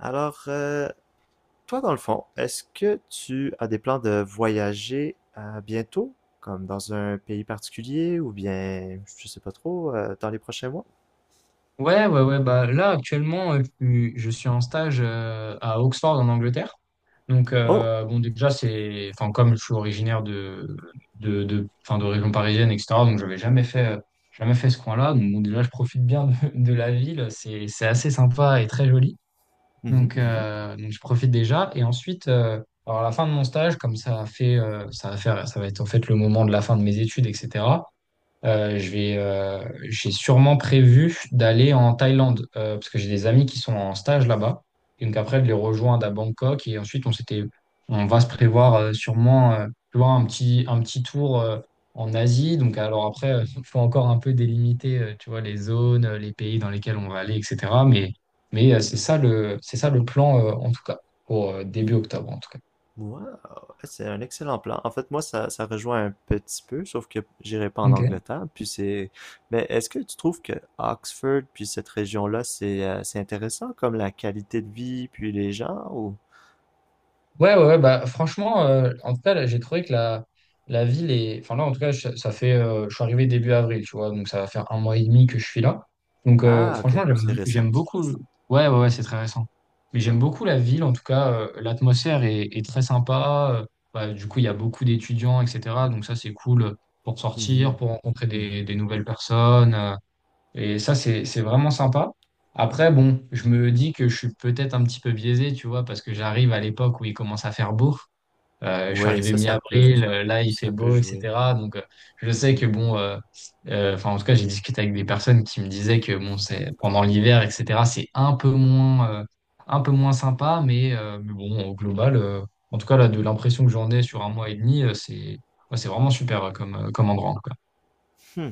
Alors, toi, dans le fond, est-ce que tu as des plans de voyager bientôt, comme dans un pays particulier, ou bien, je sais pas trop, dans les prochains mois? Ouais, ouais, ouais. Bah, là, actuellement, je suis en stage à Oxford, en Angleterre. Oh! Bon, déjà, c'est, enfin, comme je suis originaire de, enfin, de région parisienne, etc., donc j'avais jamais fait, jamais fait ce coin-là. Donc, bon, déjà, je profite bien de la ville. C'est assez sympa et très joli. Mhm, mhm. Donc je profite déjà. Et ensuite, alors, à la fin de mon stage, comme ça a fait, ça va faire, ça va être en fait le moment de la fin de mes études, etc. Euh, je vais, euh, j'ai sûrement prévu d'aller en Thaïlande parce que j'ai des amis qui sont en stage là-bas. Et donc après, de les rejoindre à Bangkok et ensuite on va se prévoir tu vois, un petit tour en Asie. Donc alors après, il faut encore un peu délimiter, tu vois, les zones, les pays dans lesquels on va aller, etc. Mais c'est ça c'est ça le plan en tout cas pour début octobre en tout cas. Wow! Eh, c'est un excellent plan. En fait, moi, ça rejoint un petit peu, sauf que j'irai pas en Ok. Angleterre, puis c'est... Mais est-ce que tu trouves que Oxford, puis cette région-là, c'est intéressant, comme la qualité de vie, puis les gens, ou... Ouais, ouais, ouais, bah, franchement, en tout cas, là, j'ai trouvé que la ville est… Enfin, là, en tout cas, je- ça fait. Je suis arrivé début avril, tu vois, donc ça va faire un mois et demi que je suis là. Donc, Ah, franchement, ok, c'est j'aime récent. j'aime beaucoup. Ouais, ouais, ouais, c'est très récent. Mais j'aime beaucoup la ville, en tout cas, l'atmosphère est, est très sympa. Bah, du coup, il y a beaucoup d'étudiants, etc. Donc ça, c'est cool pour sortir, Mhm, pour rencontrer mhm. des nouvelles personnes. Et ça, c'est vraiment sympa. Après, bon, je me dis que je suis peut-être un petit peu biaisé, tu vois, parce que j'arrive à l'époque où il commence à faire beau. Je suis Ouais, arrivé ça, ça peut, mi-avril, là, il fait ça peut beau, jouer. etc. Donc, je sais Hmm. que, bon, enfin, en tout cas, j'ai discuté avec des personnes qui me disaient que, bon, c'est pendant l'hiver, etc., c'est un peu moins sympa, mais bon, au global, en tout cas, là, de l'impression que j'en ai sur un mois et demi, ouais, c'est vraiment super comme, comme endroit, quoi. Hmm.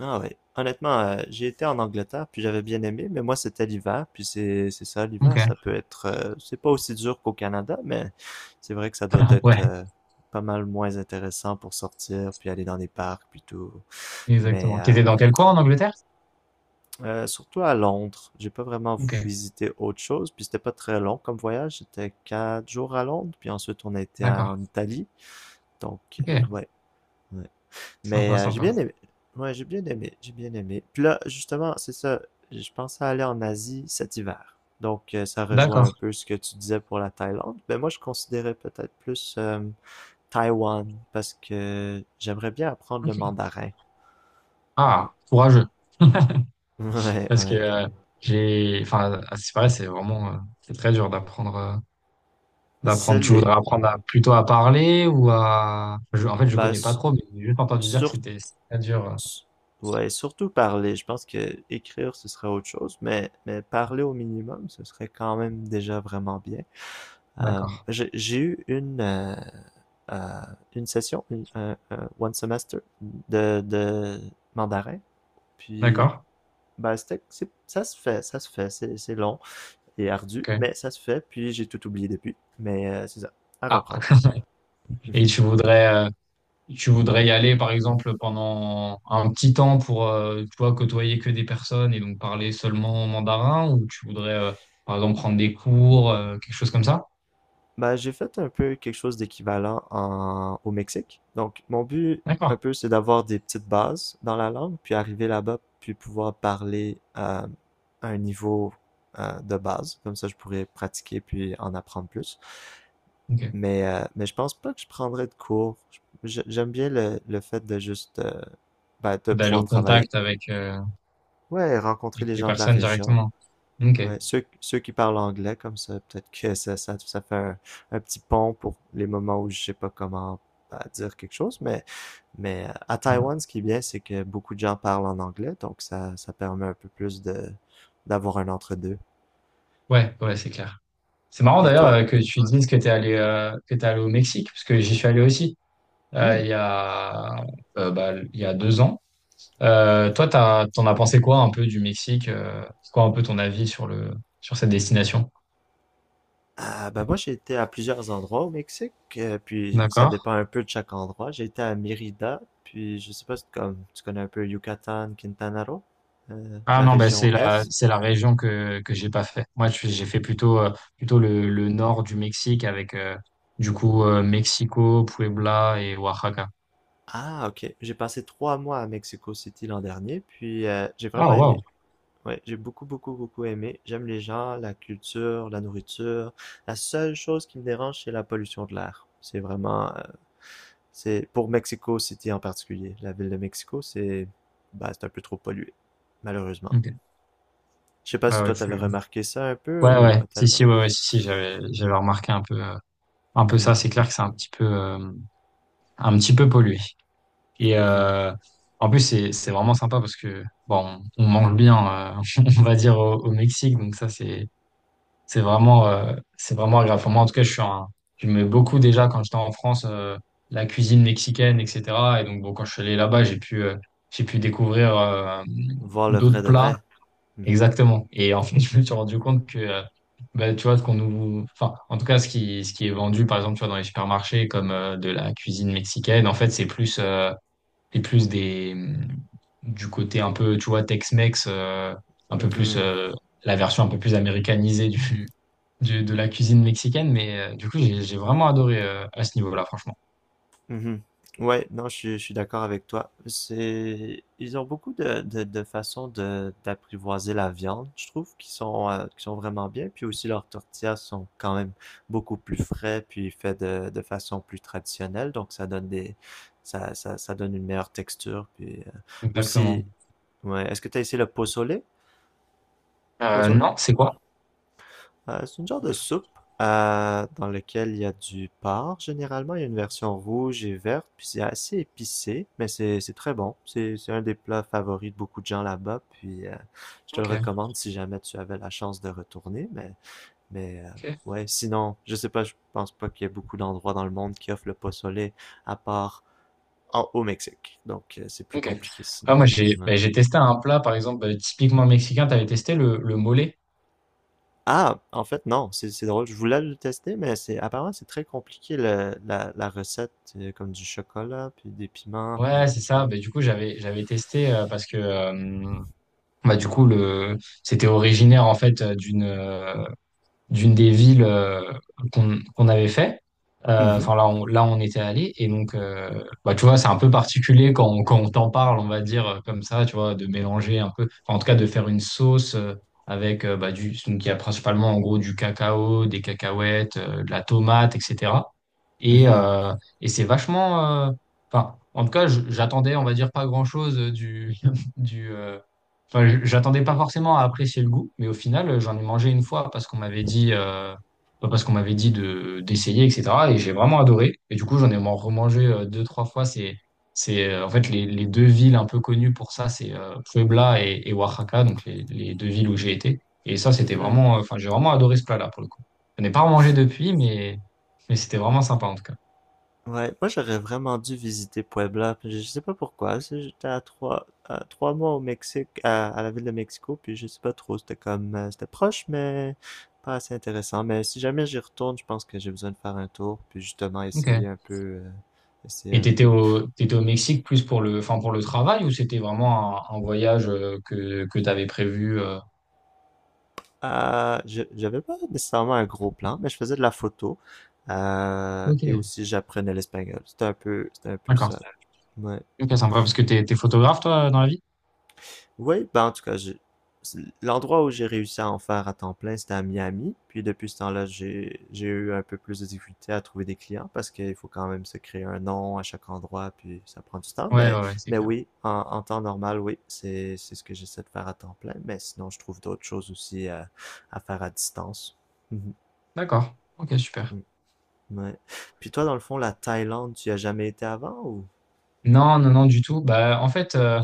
Ah ouais. Honnêtement, j'ai été en Angleterre, puis j'avais bien aimé, mais moi, c'était l'hiver, puis c'est ça, Ok. l'hiver, ça peut être, c'est pas aussi dur qu'au Canada, mais c'est vrai que ça doit être Ouais, pas mal moins intéressant pour sortir, puis aller dans des parcs, puis tout. Mais exactement. T'étais dans quel coin en Angleterre? Surtout à Londres, j'ai pas vraiment Ok, visité autre chose, puis c'était pas très long comme voyage, c'était 4 jours à Londres, puis ensuite on a été d'accord. en Italie, donc Ok, ouais. Ouais. Mais sympa, j'ai sympa. bien aimé. Ouais, j'ai bien aimé. J'ai bien aimé. Puis là, justement, c'est ça. Je pensais aller en Asie cet hiver. Donc, ça rejoint un D'accord. peu ce que tu disais pour la Thaïlande. Mais moi, je considérais peut-être plus Taïwan parce que j'aimerais bien apprendre le Ok. mandarin. Ouais, Ah, courageux. ouais. Parce que Ouais. Enfin, à ce qui paraît, c'est vraiment, c'est très dur C'est d'apprendre. Tu les- voudrais apprendre à- plutôt à parler ou à… En fait, je Bah, connais pas trop, mais j'ai juste entendu dire que sur... c'était c'est très dur. Ouais, surtout parler. Je pense que écrire, ce serait autre chose. Mais parler au minimum, ce serait quand même déjà vraiment bien. D'accord. J'ai eu euh, une session, un one semester de mandarin. Puis, D'accord. ben, ça se fait, ça se fait. C'est long et ardu, Ok. mais ça se fait. Puis, j'ai tout oublié depuis. Mais c'est ça, à Ah, reprendre. et Mhm. Tu voudrais y aller, par exemple, pendant un petit temps pour, tu vois, côtoyer que des personnes et donc parler seulement mandarin, ou tu voudrais, par exemple, prendre des cours, quelque chose comme ça? Bah, j'ai fait un peu quelque chose d'équivalent au Mexique. Donc, mon but, un D'accord. peu, c'est d'avoir des petites bases dans la langue, puis arriver là-bas, puis pouvoir parler à un niveau de base. Comme ça, je pourrais pratiquer, puis en apprendre plus. Ok. Mais je pense pas que je prendrais de cours. J'aime bien le fait de juste, bah, de D'aller pouvoir au travailler. contact avec, Ouais, rencontrer avec les les gens de la personnes région. directement. Ouais, Ok. ceux qui parlent anglais comme ça, peut-être que ça fait un petit pont pour les moments où je sais pas comment bah, dire quelque chose, mais à Taïwan, ce qui est bien, c'est que beaucoup de gens parlent en anglais, donc ça permet un peu plus de d'avoir un entre-deux. Ouais, ouais, c'est clair. C'est marrant Et d'ailleurs toi? Que tu dises que t'es allé au Mexique, parce que j'y suis allé aussi Hmm. il y a il y a deux ans. Toi, t'en as pensé quoi un peu du Mexique? C'est quoi un peu ton avis sur le sur cette destination? Ah, ben moi, j'ai été à plusieurs endroits au Mexique, puis ça D'accord. dépend un peu de chaque endroit. J'ai été à Mérida, puis je sais pas si comme, tu connais un peu Yucatan, Quintana Roo, Ah la non, bah région c'est Est. c'est la région que j'ai pas fait. Moi, j'ai fait plutôt, plutôt le nord du Mexique avec, Mexico, Puebla et Oaxaca. Ah, ok. J'ai passé 3 mois à Mexico City l'an dernier, puis j'ai Ah, vraiment aimé. wow. Ouais, j'ai beaucoup, beaucoup, beaucoup aimé. J'aime les gens, la culture, la nourriture. La seule chose qui me dérange, c'est la pollution de l'air. C'est pour Mexico City en particulier. La ville de Mexico, bah, c'est un peu trop pollué, malheureusement. Ok. Je sais pas Ouais, si ouais, toi tu- t'avais remarqué ça un peu ouais, ou ouais. pas Si, tellement. si, ouais, ouais, si, si, j'avais remarqué un peu Mhm, ça. C'est clair que c'est un petit peu pollué. Et, mhm. En plus, c'est vraiment sympa parce que, bon, on mange bien, euh, on va dire au Mexique. Donc ça, c'est… c'est vraiment agréable. Enfin, moi, en tout cas, j'aimais beaucoup déjà quand j'étais en France, la cuisine mexicaine, etc. Et donc, bon, quand je suis allé là-bas, j'ai pu découvrir, Voir le d'autres vrai de plats. vrai. Mhm, Exactement. Et en fait, je me suis rendu compte que, bah, tu vois, enfin, en tout cas, ce qui est vendu, par exemple, tu vois, dans les supermarchés, comme, de la cuisine mexicaine, en fait, c'est plus des, du côté un peu, tu vois, Tex-Mex, un peu plus, mhm. La version un peu plus américanisée de la cuisine mexicaine, mais du coup, j'ai vraiment adoré à ce niveau-là, franchement. Mhm. Ouais, non, je suis d'accord avec toi. Ils ont beaucoup de façons d'apprivoiser la viande, je trouve, qui sont vraiment bien. Puis aussi, leurs tortillas sont quand même beaucoup plus frais, puis faits de façon plus traditionnelle. Donc, ça donne une meilleure texture. Puis aussi, Exactement. ouais, est-ce que tu as essayé le pozole? Pozole? Non, c'est quoi? C'est une genre de soupe dans laquelle il y a du porc. Généralement, il y a une version rouge et verte, puis c'est assez épicé, mais c'est très bon. C'est un des plats favoris de beaucoup de gens là-bas, puis je te le Ok, recommande si jamais tu avais la chance de retourner. Mais ok, ouais, sinon, je sais pas, je pense pas qu'il y ait beaucoup d'endroits dans le monde qui offrent le pozole à part au Mexique. Donc c'est plus ok. compliqué Ah, sinon. moi, Ouais. J'ai testé un plat, par exemple, ben, typiquement mexicain, tu avais testé le mole. Ah, en fait, non, c'est drôle. Je voulais le tester, mais c'est apparemment c'est très compliqué la recette, comme du chocolat, puis des piments, puis Ouais, en c'est tout cas. ça. Ben, du coup, j'avais j'avais testé parce que bah, du coup, le c'était originaire en fait d'une d'une des villes qu'on qu'on avait fait. Mhm, Enfin, là, là, on était allé. Et donc, bah, tu vois, c'est un peu particulier quand, quand on t'en parle, on va dire comme ça, tu vois, de mélanger un peu, enfin, en tout cas, de faire une sauce donc, il y a principalement, en gros, du cacao, des cacahuètes, de la tomate, etc. Et, mhm, euh, et c'est vachement… Enfin, en tout cas, j'attendais, on va dire, pas grand-chose du, euh, Enfin, j'attendais pas forcément à apprécier le goût, mais au final, j'en ai mangé une fois parce qu'on m'avait dit, de d'essayer, etc. Et j'ai vraiment adoré. Et du coup, j'en ai remangé deux, trois fois. C'est En fait les deux villes un peu connues pour ça, c'est Puebla et Oaxaca, donc les deux villes où j'ai été. Et ça, c'était mhm. vraiment, enfin, j'ai vraiment adoré ce plat-là pour le coup. Je n'ai pas remangé depuis, mais c'était vraiment sympa en tout cas. Ouais, moi j'aurais vraiment dû visiter Puebla, puis je sais pas pourquoi. J'étais à trois mois au Mexique, à la ville de Mexico, puis je sais pas trop. C'était proche, mais pas assez intéressant. Mais si jamais j'y retourne, je pense que j'ai besoin de faire un tour, puis justement essayer Ok. un peu, euh, essayer Et un peu. T'étais au Mexique plus pour le, enfin pour le travail, ou c'était vraiment un voyage que t'avais prévu J'avais pas nécessairement un gros plan, mais je faisais de la photo. Ok, Et aussi, j'apprenais l'espagnol. C'était un peu d'accord. ça. Ouais. Ok, sympa. Parce que t'es photographe, toi, dans la vie? Oui, ben en tout cas, l'endroit où j'ai réussi à en faire à temps plein, c'était à Miami. Puis depuis ce temps-là, j'ai eu un peu plus de difficulté à trouver des clients parce qu'il faut quand même se créer un nom à chaque endroit, puis ça prend du temps. Ouais, Mais, ouais, ouais, c'est mais clair. oui, en temps normal, oui, c'est ce que j'essaie de faire à temps plein. Mais sinon, je trouve d'autres choses aussi à faire à distance. D'accord. Ok, super. Mhm. Ouais. Puis toi, dans le fond, la Thaïlande, tu y as jamais été avant ou? Non, non, non, du tout. Bah, en fait,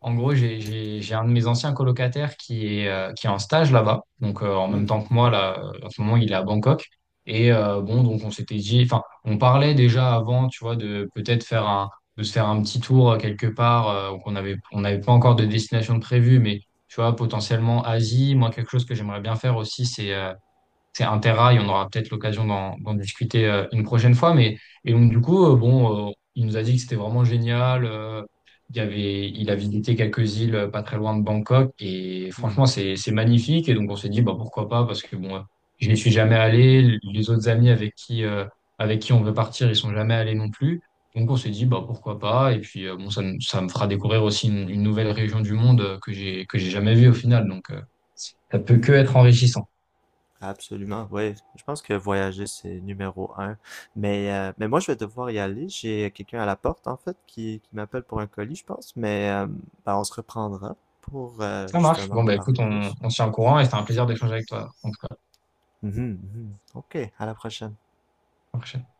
En gros, j'ai un de mes anciens colocataires qui est en stage là-bas. Donc, en Hmm, même temps que moi, là, en ce moment, il est à Bangkok. Et bon, donc, enfin, on parlait déjà avant, tu vois, de peut-être faire de se faire un petit tour quelque part. Qu'on avait, on n'avait pas encore de destination de prévue, mais tu vois, potentiellement Asie. Moi, quelque chose que j'aimerais bien faire aussi, c'est un terrail, on aura peut-être l'occasion d'en discuter une prochaine fois. Mais et donc du coup, il nous a dit que c'était vraiment génial. Il y avait, il a visité quelques îles pas très loin de Bangkok et hmm. franchement, c'est magnifique. Et donc on s'est dit, bah pourquoi pas, parce que bon, je n'y suis jamais allé. Les autres amis avec qui on veut partir, ils sont jamais allés non plus. Donc on s'est dit bah pourquoi pas et puis ça me fera découvrir aussi une nouvelle région du monde que j'ai jamais vue au final donc ça peut que Mhm. être enrichissant. Absolument, oui. Je pense que voyager, c'est numéro 1. Mais moi, je vais devoir y aller. J'ai quelqu'un à la porte, en fait, qui m'appelle pour un colis, je pense. Mais ben, on se reprendra pour Ça marche. justement Bon, en bah écoute, parler plus. on se tient au courant et c'était un plaisir d'échanger avec toi, en tout Mhm, mhm. OK, à la prochaine. cas.